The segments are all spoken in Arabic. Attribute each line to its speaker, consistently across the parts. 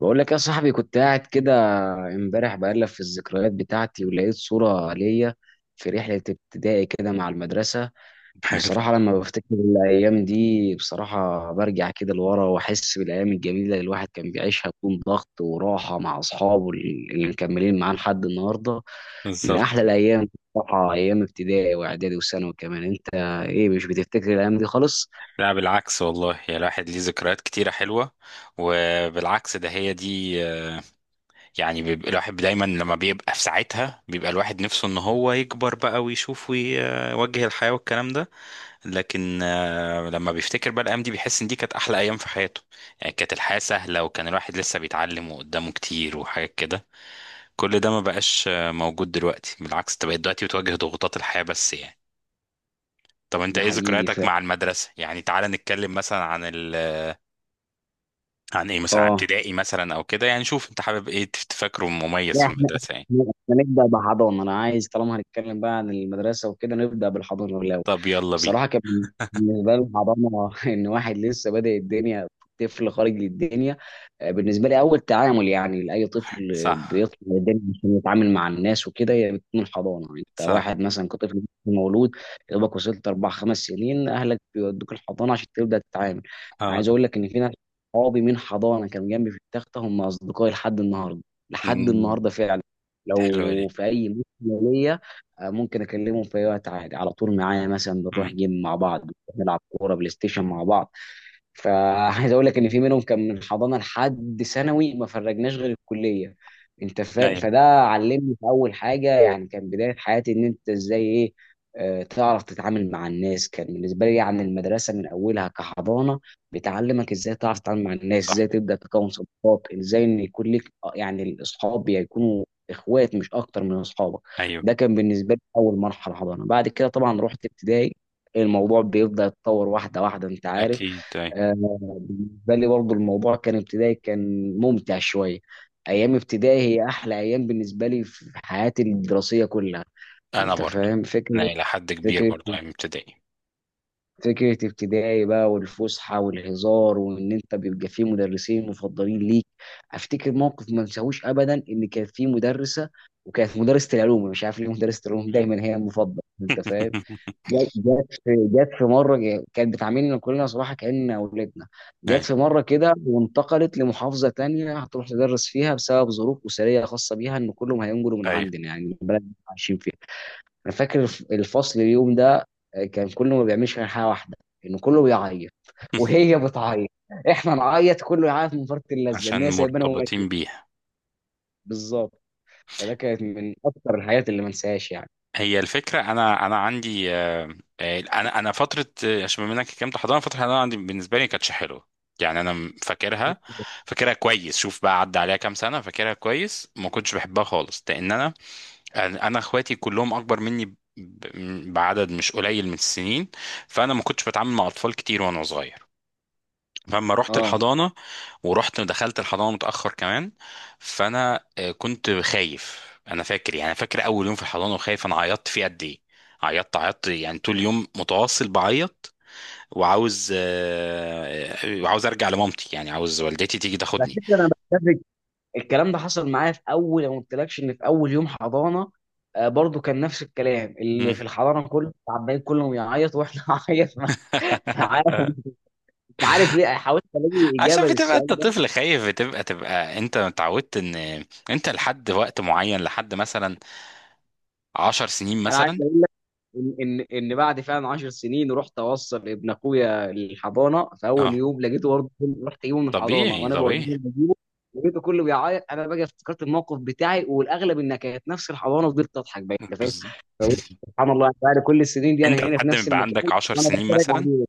Speaker 1: بقول لك يا صاحبي، كنت قاعد كده امبارح بقلب في الذكريات بتاعتي ولقيت صورة ليا في رحلة ابتدائي كده مع المدرسة.
Speaker 2: حلو.
Speaker 1: بصراحة لما بفتكر الأيام دي، بصراحة برجع كده لورا وأحس بالأيام الجميلة اللي الواحد كان بيعيشها بدون ضغط، وراحة مع أصحابه اللي مكملين معاه لحد النهاردة. من أحلى
Speaker 2: بالظبط.
Speaker 1: الأيام. بصراحة أيام ابتدائي وإعدادي وثانوي كمان. أنت إيه، مش بتفتكر الأيام دي خالص؟
Speaker 2: لا، بالعكس والله، يا الواحد ليه ذكريات كتيرة حلوة. وبالعكس ده هي دي. يعني بيبقى الواحد دايما لما بيبقى في ساعتها بيبقى الواحد نفسه ان هو يكبر بقى ويشوف ويوجه الحياة والكلام ده. لكن لما بيفتكر بقى الأيام دي بيحس ان دي كانت أحلى أيام في حياته. يعني كانت الحياة سهلة وكان الواحد لسه بيتعلم وقدامه كتير وحاجات كده. كل ده ما بقاش موجود دلوقتي. بالعكس، انت بقيت دلوقتي بتواجه ضغوطات الحياة بس، يعني. طب انت
Speaker 1: ده
Speaker 2: ايه
Speaker 1: حقيقي
Speaker 2: ذكرياتك
Speaker 1: فعلا.
Speaker 2: مع المدرسة؟ يعني تعال نتكلم مثلا عن ايه، مثلا عن
Speaker 1: آه
Speaker 2: ابتدائي مثلا او كده. يعني شوف انت حابب ايه تفكره مميز
Speaker 1: لا،
Speaker 2: في
Speaker 1: احنا
Speaker 2: المدرسة؟ يعني
Speaker 1: احنا إحنا نبدا بحضانه. انا عايز طالما هنتكلم بقى عن المدرسه وكده نبدا بالحضانه الاول.
Speaker 2: طب يلا بينا.
Speaker 1: بصراحه كان بالنسبه لي الحضانه ان واحد لسه بادئ الدنيا، طفل خارج للدنيا. بالنسبه لي اول تعامل، يعني لاي طفل
Speaker 2: صح،
Speaker 1: بيطلع الدنيا عشان يتعامل مع الناس وكده، هي بتكون الحضانه. انت
Speaker 2: صح.
Speaker 1: واحد مثلا كطفل مولود، يا دوبك وصلت 4 5 سنين، اهلك بيودوك الحضانه عشان تبدا تتعامل. أنا
Speaker 2: اه.
Speaker 1: عايز اقول لك ان في ناس، صحابي من حضانه كانوا جنبي في التخته، هم اصدقائي لحد النهارده. لحد
Speaker 2: امم.
Speaker 1: النهارده فعلا.
Speaker 2: حلوة
Speaker 1: لو
Speaker 2: دي.
Speaker 1: في اي مشكله ليا، ممكن اكلمهم في اي وقت عادي، على طول معايا. مثلا
Speaker 2: امم.
Speaker 1: بنروح جيم مع بعض، نلعب كوره بلاي ستيشن مع بعض. فعايز اقول لك ان في منهم كان من حضانه لحد ثانوي، ما فرجناش غير الكليه. انت فاهم؟
Speaker 2: ايوه،
Speaker 1: فده علمني في اول حاجه، يعني كان بدايه حياتي، ان انت ازاي، ايه، تعرف تتعامل مع الناس. كان بالنسبه لي يعني المدرسه من اولها كحضانه بتعلمك ازاي تعرف تتعامل مع الناس،
Speaker 2: صح،
Speaker 1: ازاي تبدا تكون صداقات، ازاي ان يكون لك، يعني الاصحاب يكونوا اخوات مش اكتر من اصحابك.
Speaker 2: ايوه،
Speaker 1: ده كان بالنسبه لي اول مرحله، حضانه. بعد كده طبعا رحت ابتدائي، الموضوع بيبدا يتطور واحده واحده، انت عارف.
Speaker 2: اكيد، ايوه.
Speaker 1: آه، بالنسبة لي برضو الموضوع كان، ابتدائي كان ممتع شوية. أيام ابتدائي هي أحلى أيام بالنسبة لي في حياتي الدراسية كلها.
Speaker 2: انا
Speaker 1: أنت
Speaker 2: برضو
Speaker 1: فاهم
Speaker 2: انا
Speaker 1: فكرة،
Speaker 2: الى حد كبير
Speaker 1: فكرة
Speaker 2: برضو ايام ابتدائي.
Speaker 1: فكرة ابتدائي بقى، والفسحة والهزار وإن أنت بيبقى فيه مدرسين مفضلين ليك. أفتكر موقف ما انساهوش أبدا، إن كان فيه مدرسة، وكانت مدرسة العلوم، مش عارف ليه مدرسة العلوم دايما هي المفضلة. أنت فاهم، جت في مره كانت بتعاملنا كلنا صراحه كأننا اولادنا. جت
Speaker 2: ايوه
Speaker 1: في مره كده وانتقلت لمحافظه تانية هتروح تدرس فيها بسبب ظروف اسريه خاصه بيها، ان كلهم هينقلوا من
Speaker 2: ايوه
Speaker 1: عندنا، يعني من البلد اللي إحنا عايشين فيها. انا فاكر الفصل اليوم ده، كان كله ما بيعملش غير حاجه واحده ان كله بيعيط. وهي بتعيط، احنا نعيط، كله يعيط، من فرط اللذه
Speaker 2: عشان
Speaker 1: ان هي سايبانا وماشيه.
Speaker 2: مرتبطين بيها.
Speaker 1: بالظبط، فده كانت من اكتر الحاجات اللي ما انساهاش يعني.
Speaker 2: هي الفكرة، أنا عندي. أنا أنا فترة آه، عشان بما إنك كنت حضانة، فترة الحضانة عندي بالنسبة لي ما كانتش حلوة. يعني أنا فاكرها. فاكرها كويس. شوف بقى، عدى عليها كام سنة، فاكرها كويس. ما كنتش بحبها خالص لأن أنا إخواتي كلهم أكبر مني بعدد مش قليل من السنين. فأنا ما كنتش بتعامل مع أطفال كتير وأنا صغير. فلما رحت
Speaker 1: اه،
Speaker 2: الحضانة، ورحت دخلت الحضانة متأخر كمان. فأنا كنت خايف. أنا فاكر، يعني فاكر أول يوم في الحضانة، وخايف. أنا عيطت فيه قد إيه. عيطت عيطت، يعني طول اليوم متواصل بعيط. وعاوز آه، آه، وعاوز أرجع لمامتي، يعني عاوز والدتي تيجي
Speaker 1: على
Speaker 2: تاخدني.
Speaker 1: فكره انا بتفق، الكلام ده حصل معايا، في اول ما قلتلكش ان في اول يوم حضانه، برضو كان نفس الكلام، اللي
Speaker 2: مم.
Speaker 1: في الحضانه كله عمالين كلهم يعيط واحنا عيط معاه. مش عارف، مش عارف ليه، حاولت الاقي اجابه
Speaker 2: عشان بتبقى انت
Speaker 1: للسؤال ده.
Speaker 2: طفل خايف. بتبقى انت اتعودت ان انت لحد وقت معين، لحد مثلا 10 سنين
Speaker 1: انا
Speaker 2: مثلا.
Speaker 1: ان بعد فعلا 10 سنين رحت اوصل ابن اخويا الحضانه، في
Speaker 2: اه.
Speaker 1: اول يوم لقيته برضه، رحت اجيبه من الحضانه
Speaker 2: طبيعي،
Speaker 1: وانا بوديه
Speaker 2: طبيعي.
Speaker 1: بجيبه، لقيته كله بيعيط. انا بقى افتكرت الموقف بتاعي، والاغلب انها كانت نفس الحضانه. فضلت اضحك بقى، انت فاهم.
Speaker 2: بالظبط.
Speaker 1: فقلت سبحان الله، بعد كل السنين دي انا
Speaker 2: انت
Speaker 1: هنا في
Speaker 2: لحد ما
Speaker 1: نفس
Speaker 2: يبقى
Speaker 1: المكان
Speaker 2: عندك 10
Speaker 1: وانا
Speaker 2: سنين
Speaker 1: بتفرج
Speaker 2: مثلا.
Speaker 1: عليه.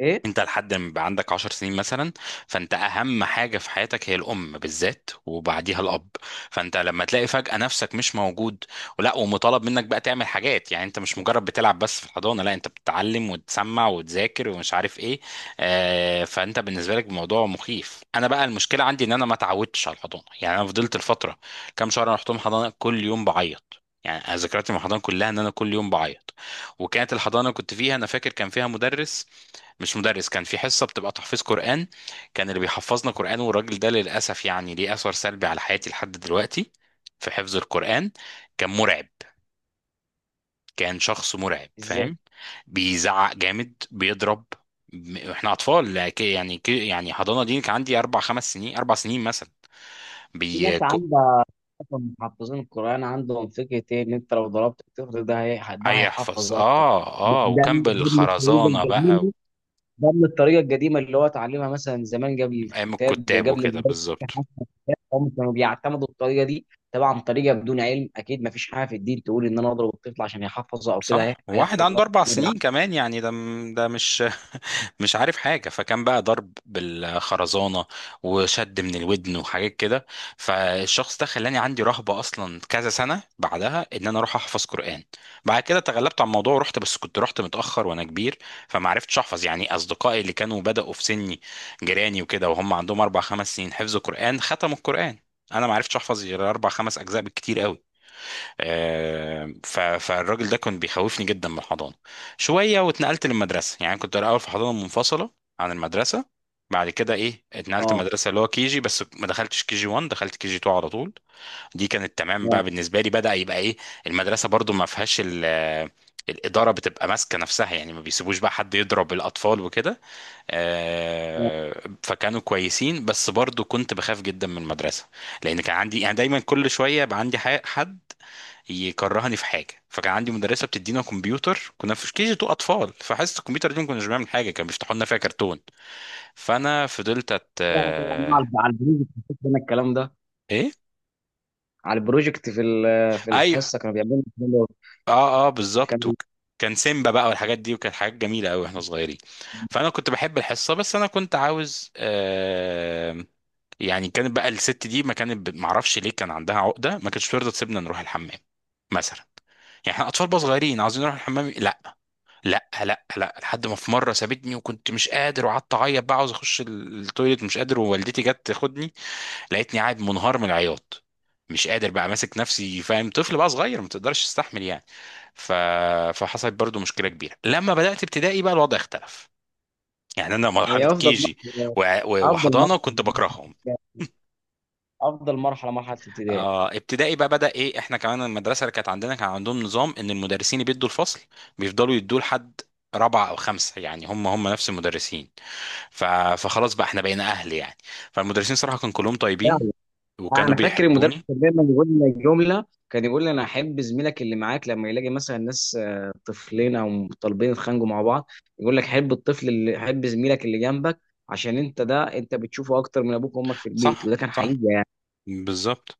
Speaker 1: ايه؟
Speaker 2: انت لحد ما يبقى عندك 10 سنين مثلا. فانت اهم حاجه في حياتك هي الام بالذات، وبعديها الاب. فانت لما تلاقي فجاه نفسك مش موجود ولا، ومطالب منك بقى تعمل حاجات. يعني انت مش مجرد بتلعب بس في الحضانه، لا، انت بتتعلم وتسمع وتذاكر ومش عارف ايه. فانت بالنسبه لك الموضوع مخيف. انا بقى المشكله عندي ان انا ما اتعودتش على الحضانه. يعني انا فضلت الفتره كام شهر انا رحتهم حضانه كل يوم بعيط. يعني أنا ذكرياتي مع الحضانه كلها ان انا كل يوم بعيط. وكانت الحضانه اللي كنت فيها، انا فاكر كان فيها مدرس، مش مدرس، كان في حصة بتبقى تحفيظ قرآن. كان اللي بيحفظنا قرآن، والراجل ده للأسف يعني ليه أثر سلبي على حياتي لحد دلوقتي في حفظ القرآن. كان مرعب. كان شخص مرعب،
Speaker 1: ازاي؟
Speaker 2: فاهم؟ بيزعق جامد، بيضرب. احنا اطفال يعني حضانه دي كان عندي 4 5 سنين، 4 سنين مثلا.
Speaker 1: في
Speaker 2: بي
Speaker 1: ناس
Speaker 2: ك-
Speaker 1: عندها اصلا، محفظين القران عندهم فكره ايه، ان انت لو ضربت الطفل ده ده
Speaker 2: هيحفظ.
Speaker 1: هيحفظ اكتر.
Speaker 2: اه،
Speaker 1: ده
Speaker 2: اه. وكان
Speaker 1: ده ده من الطريقه
Speaker 2: بالخرزانه
Speaker 1: القديمه،
Speaker 2: بقى.
Speaker 1: ده من الطريقه القديمه اللي هو اتعلمها مثلا زمان، قبل
Speaker 2: ايام
Speaker 1: الكتاب،
Speaker 2: الكتاب
Speaker 1: قبل
Speaker 2: وكده،
Speaker 1: المدرسه.
Speaker 2: بالظبط.
Speaker 1: هم كانوا بيعتمدوا الطريقه دي، طبعا طريقه بدون علم. اكيد ما فيش حاجه في الدين تقول ان انا اضرب الطفل عشان يحفظه او كده
Speaker 2: صح. وواحد
Speaker 1: هيحفظ
Speaker 2: عنده
Speaker 1: غلط.
Speaker 2: اربع
Speaker 1: لا
Speaker 2: سنين
Speaker 1: بالعكس.
Speaker 2: كمان، يعني ده مش مش عارف حاجة. فكان بقى ضرب بالخرزانة، وشد من الودن، وحاجات كده. فالشخص ده خلاني عندي رهبة أصلا كذا سنة بعدها إن أنا أروح أحفظ قرآن. بعد كده تغلبت على الموضوع ورحت، بس كنت رحت متأخر وأنا كبير، فما عرفتش أحفظ. يعني أصدقائي اللي كانوا بدأوا في سني، جيراني وكده، وهم عندهم 4 5 سنين، حفظوا قرآن، ختموا القرآن. أنا ما عرفتش أحفظ غير 4 5 أجزاء بالكتير قوي. فالراجل ده كان بيخوفني جدا من الحضانه. شويه واتنقلت للمدرسه. يعني كنت الاول في حضانه منفصله عن المدرسه. بعد كده ايه، اتنقلت
Speaker 1: اه.
Speaker 2: المدرسه اللي هو كي جي، بس ما دخلتش كي جي 1، دخلت كي جي 2 على طول. دي كانت تمام
Speaker 1: آه.
Speaker 2: بقى. بالنسبه لي بدا يبقى ايه. المدرسه برضو ما فيهاش الإدارة بتبقى ماسكة نفسها. يعني ما بيسيبوش بقى حد يضرب الأطفال وكده. فكانوا كويسين، بس برضو كنت بخاف جدا من المدرسة. لأن كان عندي يعني دايما كل شوية بقى عندي حد يكرهني في حاجه. فكان عندي مدرسه بتدينا كمبيوتر، كنا في كي جي 2 اطفال، فحصه الكمبيوتر دي ما كناش بنعمل حاجه، كانوا بيفتحوا لنا فيها كرتون. فانا فضلت أت...
Speaker 1: يعني
Speaker 2: آه،
Speaker 1: على البروجكت كان الكلام ده،
Speaker 2: ايه.
Speaker 1: على البروجكت في
Speaker 2: ايوه.
Speaker 1: الحصه كانوا بيعملوا الكلام ده.
Speaker 2: اه، اه، بالظبط
Speaker 1: كان،
Speaker 2: كان سيمبا بقى والحاجات دي، وكانت حاجات جميله قوي واحنا صغيرين. فانا كنت بحب الحصه. بس انا كنت عاوز يعني. كانت بقى الست دي ما كانت معرفش ليه كان عندها عقده، ما كانتش ترضى تسيبنا نروح الحمام مثلا. يعني احنا اطفال بقى صغيرين عاوزين نروح الحمام. لا، لا، لا، لا، لحد ما في مره سابتني وكنت مش قادر وقعدت اعيط بقى عاوز اخش التويليت، مش قادر. ووالدتي جت تاخدني لقيتني قاعد منهار من العياط، مش قادر بقى ماسك نفسي. فاهم؟ طفل بقى صغير ما تقدرش تستحمل يعني. ف... فحصلت برضو مشكله كبيره. لما بدات ابتدائي بقى الوضع اختلف. يعني انا مرحله
Speaker 1: هي افضل
Speaker 2: كيجي
Speaker 1: مرحله، افضل
Speaker 2: وحضانه
Speaker 1: مرحله
Speaker 2: كنت بكرههم.
Speaker 1: افضل مرحله، ابتدائي.
Speaker 2: آه، ابتدائي بقى بدا ايه. احنا كمان المدرسه اللي كانت عندنا كان عندهم نظام ان المدرسين اللي بيدوا الفصل بيفضلوا يدوه لحد رابعه او خمسه. يعني هم هم نفس المدرسين. ف- فخلاص بقى احنا بقينا اهل يعني. فالمدرسين صراحة كانوا كلهم طيبين وكانوا
Speaker 1: انا فاكر المدرس
Speaker 2: بيحبوني.
Speaker 1: كان دايما يقول لنا جمله، كان يقول لي انا احب زميلك اللي معاك، لما يلاقي مثلا ناس، طفلين او طالبين يتخانقوا مع بعض، يقول لك حب الطفل، اللي حب زميلك اللي جنبك، عشان انت ده انت بتشوفه اكتر من ابوك وامك في البيت،
Speaker 2: صح،
Speaker 1: وده كان
Speaker 2: صح،
Speaker 1: حقيقي يعني.
Speaker 2: بالظبط.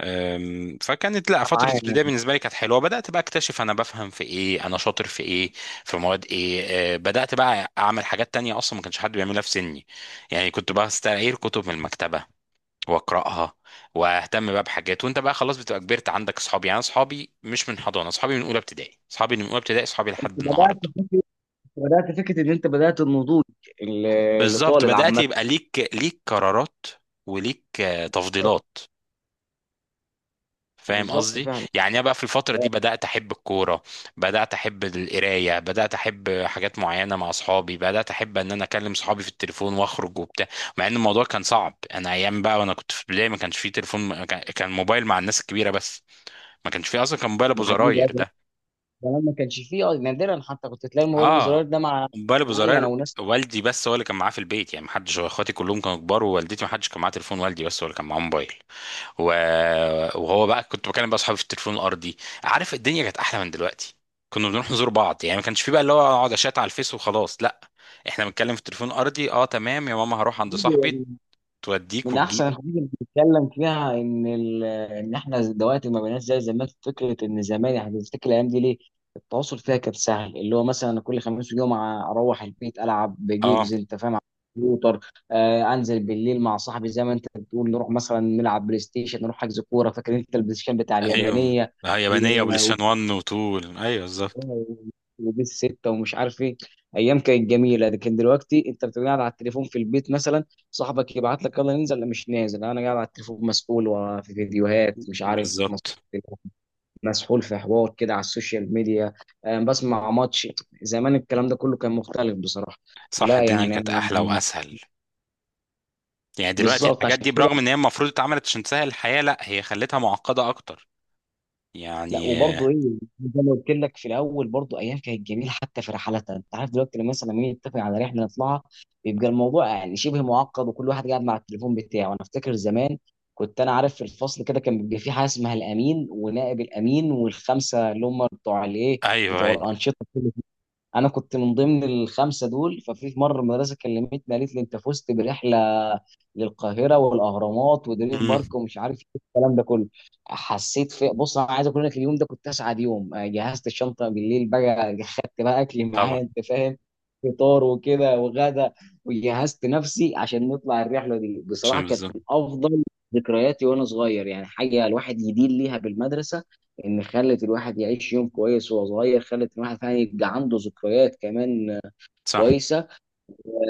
Speaker 2: فكانت، لا،
Speaker 1: أنا
Speaker 2: فترة
Speaker 1: معايا،
Speaker 2: ابتدائي
Speaker 1: يعني
Speaker 2: بالنسبة لي كانت حلوة. بدأت بقى اكتشف انا بفهم في ايه، انا شاطر في ايه، في مواد ايه. بدأت بقى اعمل حاجات تانية اصلا ما كانش حد بيعملها في سني. يعني كنت بستعير كتب من المكتبة واقراها، واهتم بقى بحاجات. وانت بقى خلاص بتبقى كبرت، عندك اصحابي، يعني اصحابي مش من حضانة، اصحابي من اولى ابتدائي، اصحابي
Speaker 1: انت
Speaker 2: لحد
Speaker 1: بدات
Speaker 2: النهاردة.
Speaker 1: فكره، بدات فكره ان انت بدات النضوج
Speaker 2: بالظبط.
Speaker 1: لطالب
Speaker 2: بدأت
Speaker 1: عامه.
Speaker 2: يبقى ليك، قرارات، وليك تفضيلات. فاهم
Speaker 1: بالظبط
Speaker 2: قصدي؟
Speaker 1: فعلا.
Speaker 2: يعني انا بقى في الفتره
Speaker 1: لا،
Speaker 2: دي بدات احب الكوره، بدات احب القرايه، بدات احب حاجات معينه مع اصحابي، بدات احب ان انا اكلم صحابي في التليفون واخرج وبتاع. مع ان الموضوع كان صعب. انا ايام بقى وانا كنت في البدايه ما كانش فيه تليفون، ما كان كان موبايل مع الناس الكبيره بس، ما كانش فيه اصلا، كان موبايل ابو
Speaker 1: ده حقيقي.
Speaker 2: زراير ده.
Speaker 1: زمان ما كانش فيه، نادرا حتى كنت تلاقي الموبايل
Speaker 2: اه،
Speaker 1: بزرار ده مع
Speaker 2: موبايل ابو
Speaker 1: معين
Speaker 2: زراير.
Speaker 1: او ناس.
Speaker 2: والدي بس هو اللي كان معاه في البيت. يعني ما حدش، اخواتي كلهم كانوا كبار، ووالدتي ما حدش كان معاه تليفون، والدي بس هو اللي كان معاه موبايل. و... وهو بقى كنت بكلم بقى اصحابي في التليفون الارضي. عارف، الدنيا كانت احلى من دلوقتي. كنا بنروح نزور بعض. يعني ما كانش في بقى اللي هو اقعد اشات على الفيس وخلاص، لا، احنا بنتكلم في التليفون الارضي: اه تمام يا ماما هروح عند صاحبي. توديك
Speaker 1: من احسن
Speaker 2: وتجيبك.
Speaker 1: الحاجات اللي بنتكلم فيها ان ان احنا دلوقتي ما بقيناش زي زمان، في فكره ان زمان، يعني تفتكر الايام دي ليه التواصل فيها كان سهل. اللي هو مثلا أنا كل خميس وجمعه اروح البيت العب
Speaker 2: اه.
Speaker 1: بجيمز، انت فاهم، على الكمبيوتر. آه، انزل بالليل مع صاحبي، زي ما انت بتقول نروح مثلا نلعب بلاي ستيشن، نروح حجز كوره. فاكر انت البلاي ستيشن بتاع
Speaker 2: ايوه.
Speaker 1: اليابانيه
Speaker 2: آه، يابانيه وبلاي ستيشن 1. وطول. ايوه، بالظبط.
Speaker 1: وبيس ستة ومش عارف ايه. ايام كانت جميله. لكن دلوقتي انت بتبقى قاعد على التليفون في البيت مثلا، صاحبك يبعت لك يلا ننزل، لا مش نازل انا قاعد على التليفون، مسؤول وفي فيديوهات، مش عارف،
Speaker 2: بالظبط.
Speaker 1: مسحول في حوار كده على السوشيال ميديا، بسمع ماتش. زمان الكلام ده كله كان مختلف بصراحه.
Speaker 2: صح.
Speaker 1: لا
Speaker 2: الدنيا
Speaker 1: يعني
Speaker 2: كانت
Speaker 1: انا،
Speaker 2: احلى واسهل. يعني دلوقتي
Speaker 1: بالظبط
Speaker 2: الحاجات
Speaker 1: عشان
Speaker 2: دي
Speaker 1: كده.
Speaker 2: برغم ان هي المفروض اتعملت عشان تسهل الحياه، لا هي خلتها معقده اكتر.
Speaker 1: لا
Speaker 2: يعني
Speaker 1: وبرضه ايه، زي ما قلت لك في الاول، برضه ايام كانت جميله حتى في رحلاتها. انت عارف دلوقتي لما مثلا مين يتفق على رحله نطلعها، بيبقى الموضوع يعني شبه معقد، وكل واحد قاعد مع التليفون بتاعه. انا افتكر زمان كنت انا عارف في الفصل كده كان بيبقى في حاجه اسمها الامين ونائب الامين، والخمسه اللي هم بتوع الايه،
Speaker 2: ايوه،
Speaker 1: بتوع
Speaker 2: ايوه.
Speaker 1: الانشطه. انا كنت من ضمن الخمسه دول. ففي مره المدرسه كلمتني، قالت لي انت فزت برحله للقاهره والاهرامات ودريم
Speaker 2: امم.
Speaker 1: بارك ومش عارف ايه الكلام ده كله. حسيت، في بص انا عايز اقول لك اليوم ده كنت اسعد يوم. جهزت الشنطه بالليل بقى، خدت بقى اكلي
Speaker 2: طبعا.
Speaker 1: معايا، انت فاهم، فطار وكده وغدا، وجهزت نفسي عشان نطلع الرحله دي. بصراحه
Speaker 2: عشان
Speaker 1: كانت
Speaker 2: بالظبط.
Speaker 1: من افضل ذكرياتي وانا صغير. يعني حاجه الواحد يدين ليها بالمدرسه، ان خلت الواحد يعيش يوم كويس وهو صغير، خلت الواحد يعني يبقى عنده ذكريات كمان
Speaker 2: صح.
Speaker 1: كويسه.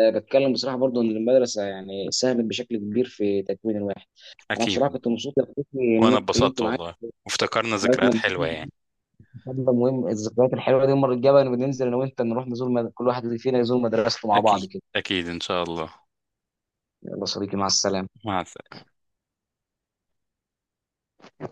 Speaker 1: أه، بتكلم بصراحه برضو ان المدرسه يعني ساهمت بشكل كبير في تكوين الواحد. انا
Speaker 2: أكيد.
Speaker 1: بصراحه كنت مبسوط يا صديقي ان انا
Speaker 2: وأنا
Speaker 1: اتكلمت
Speaker 2: اتبسطت
Speaker 1: معاك.
Speaker 2: والله، وافتكرنا
Speaker 1: حياتنا،
Speaker 2: ذكريات حلوة يعني.
Speaker 1: مهم الذكريات الحلوه دي. المره الجايه بقى نبقى ننزل انا وانت، نروح نزور كل واحد فينا يزور مدرسته مع بعض
Speaker 2: أكيد،
Speaker 1: كده.
Speaker 2: أكيد، إن شاء الله.
Speaker 1: يلا صديقي، مع السلامه.
Speaker 2: مع السلامة.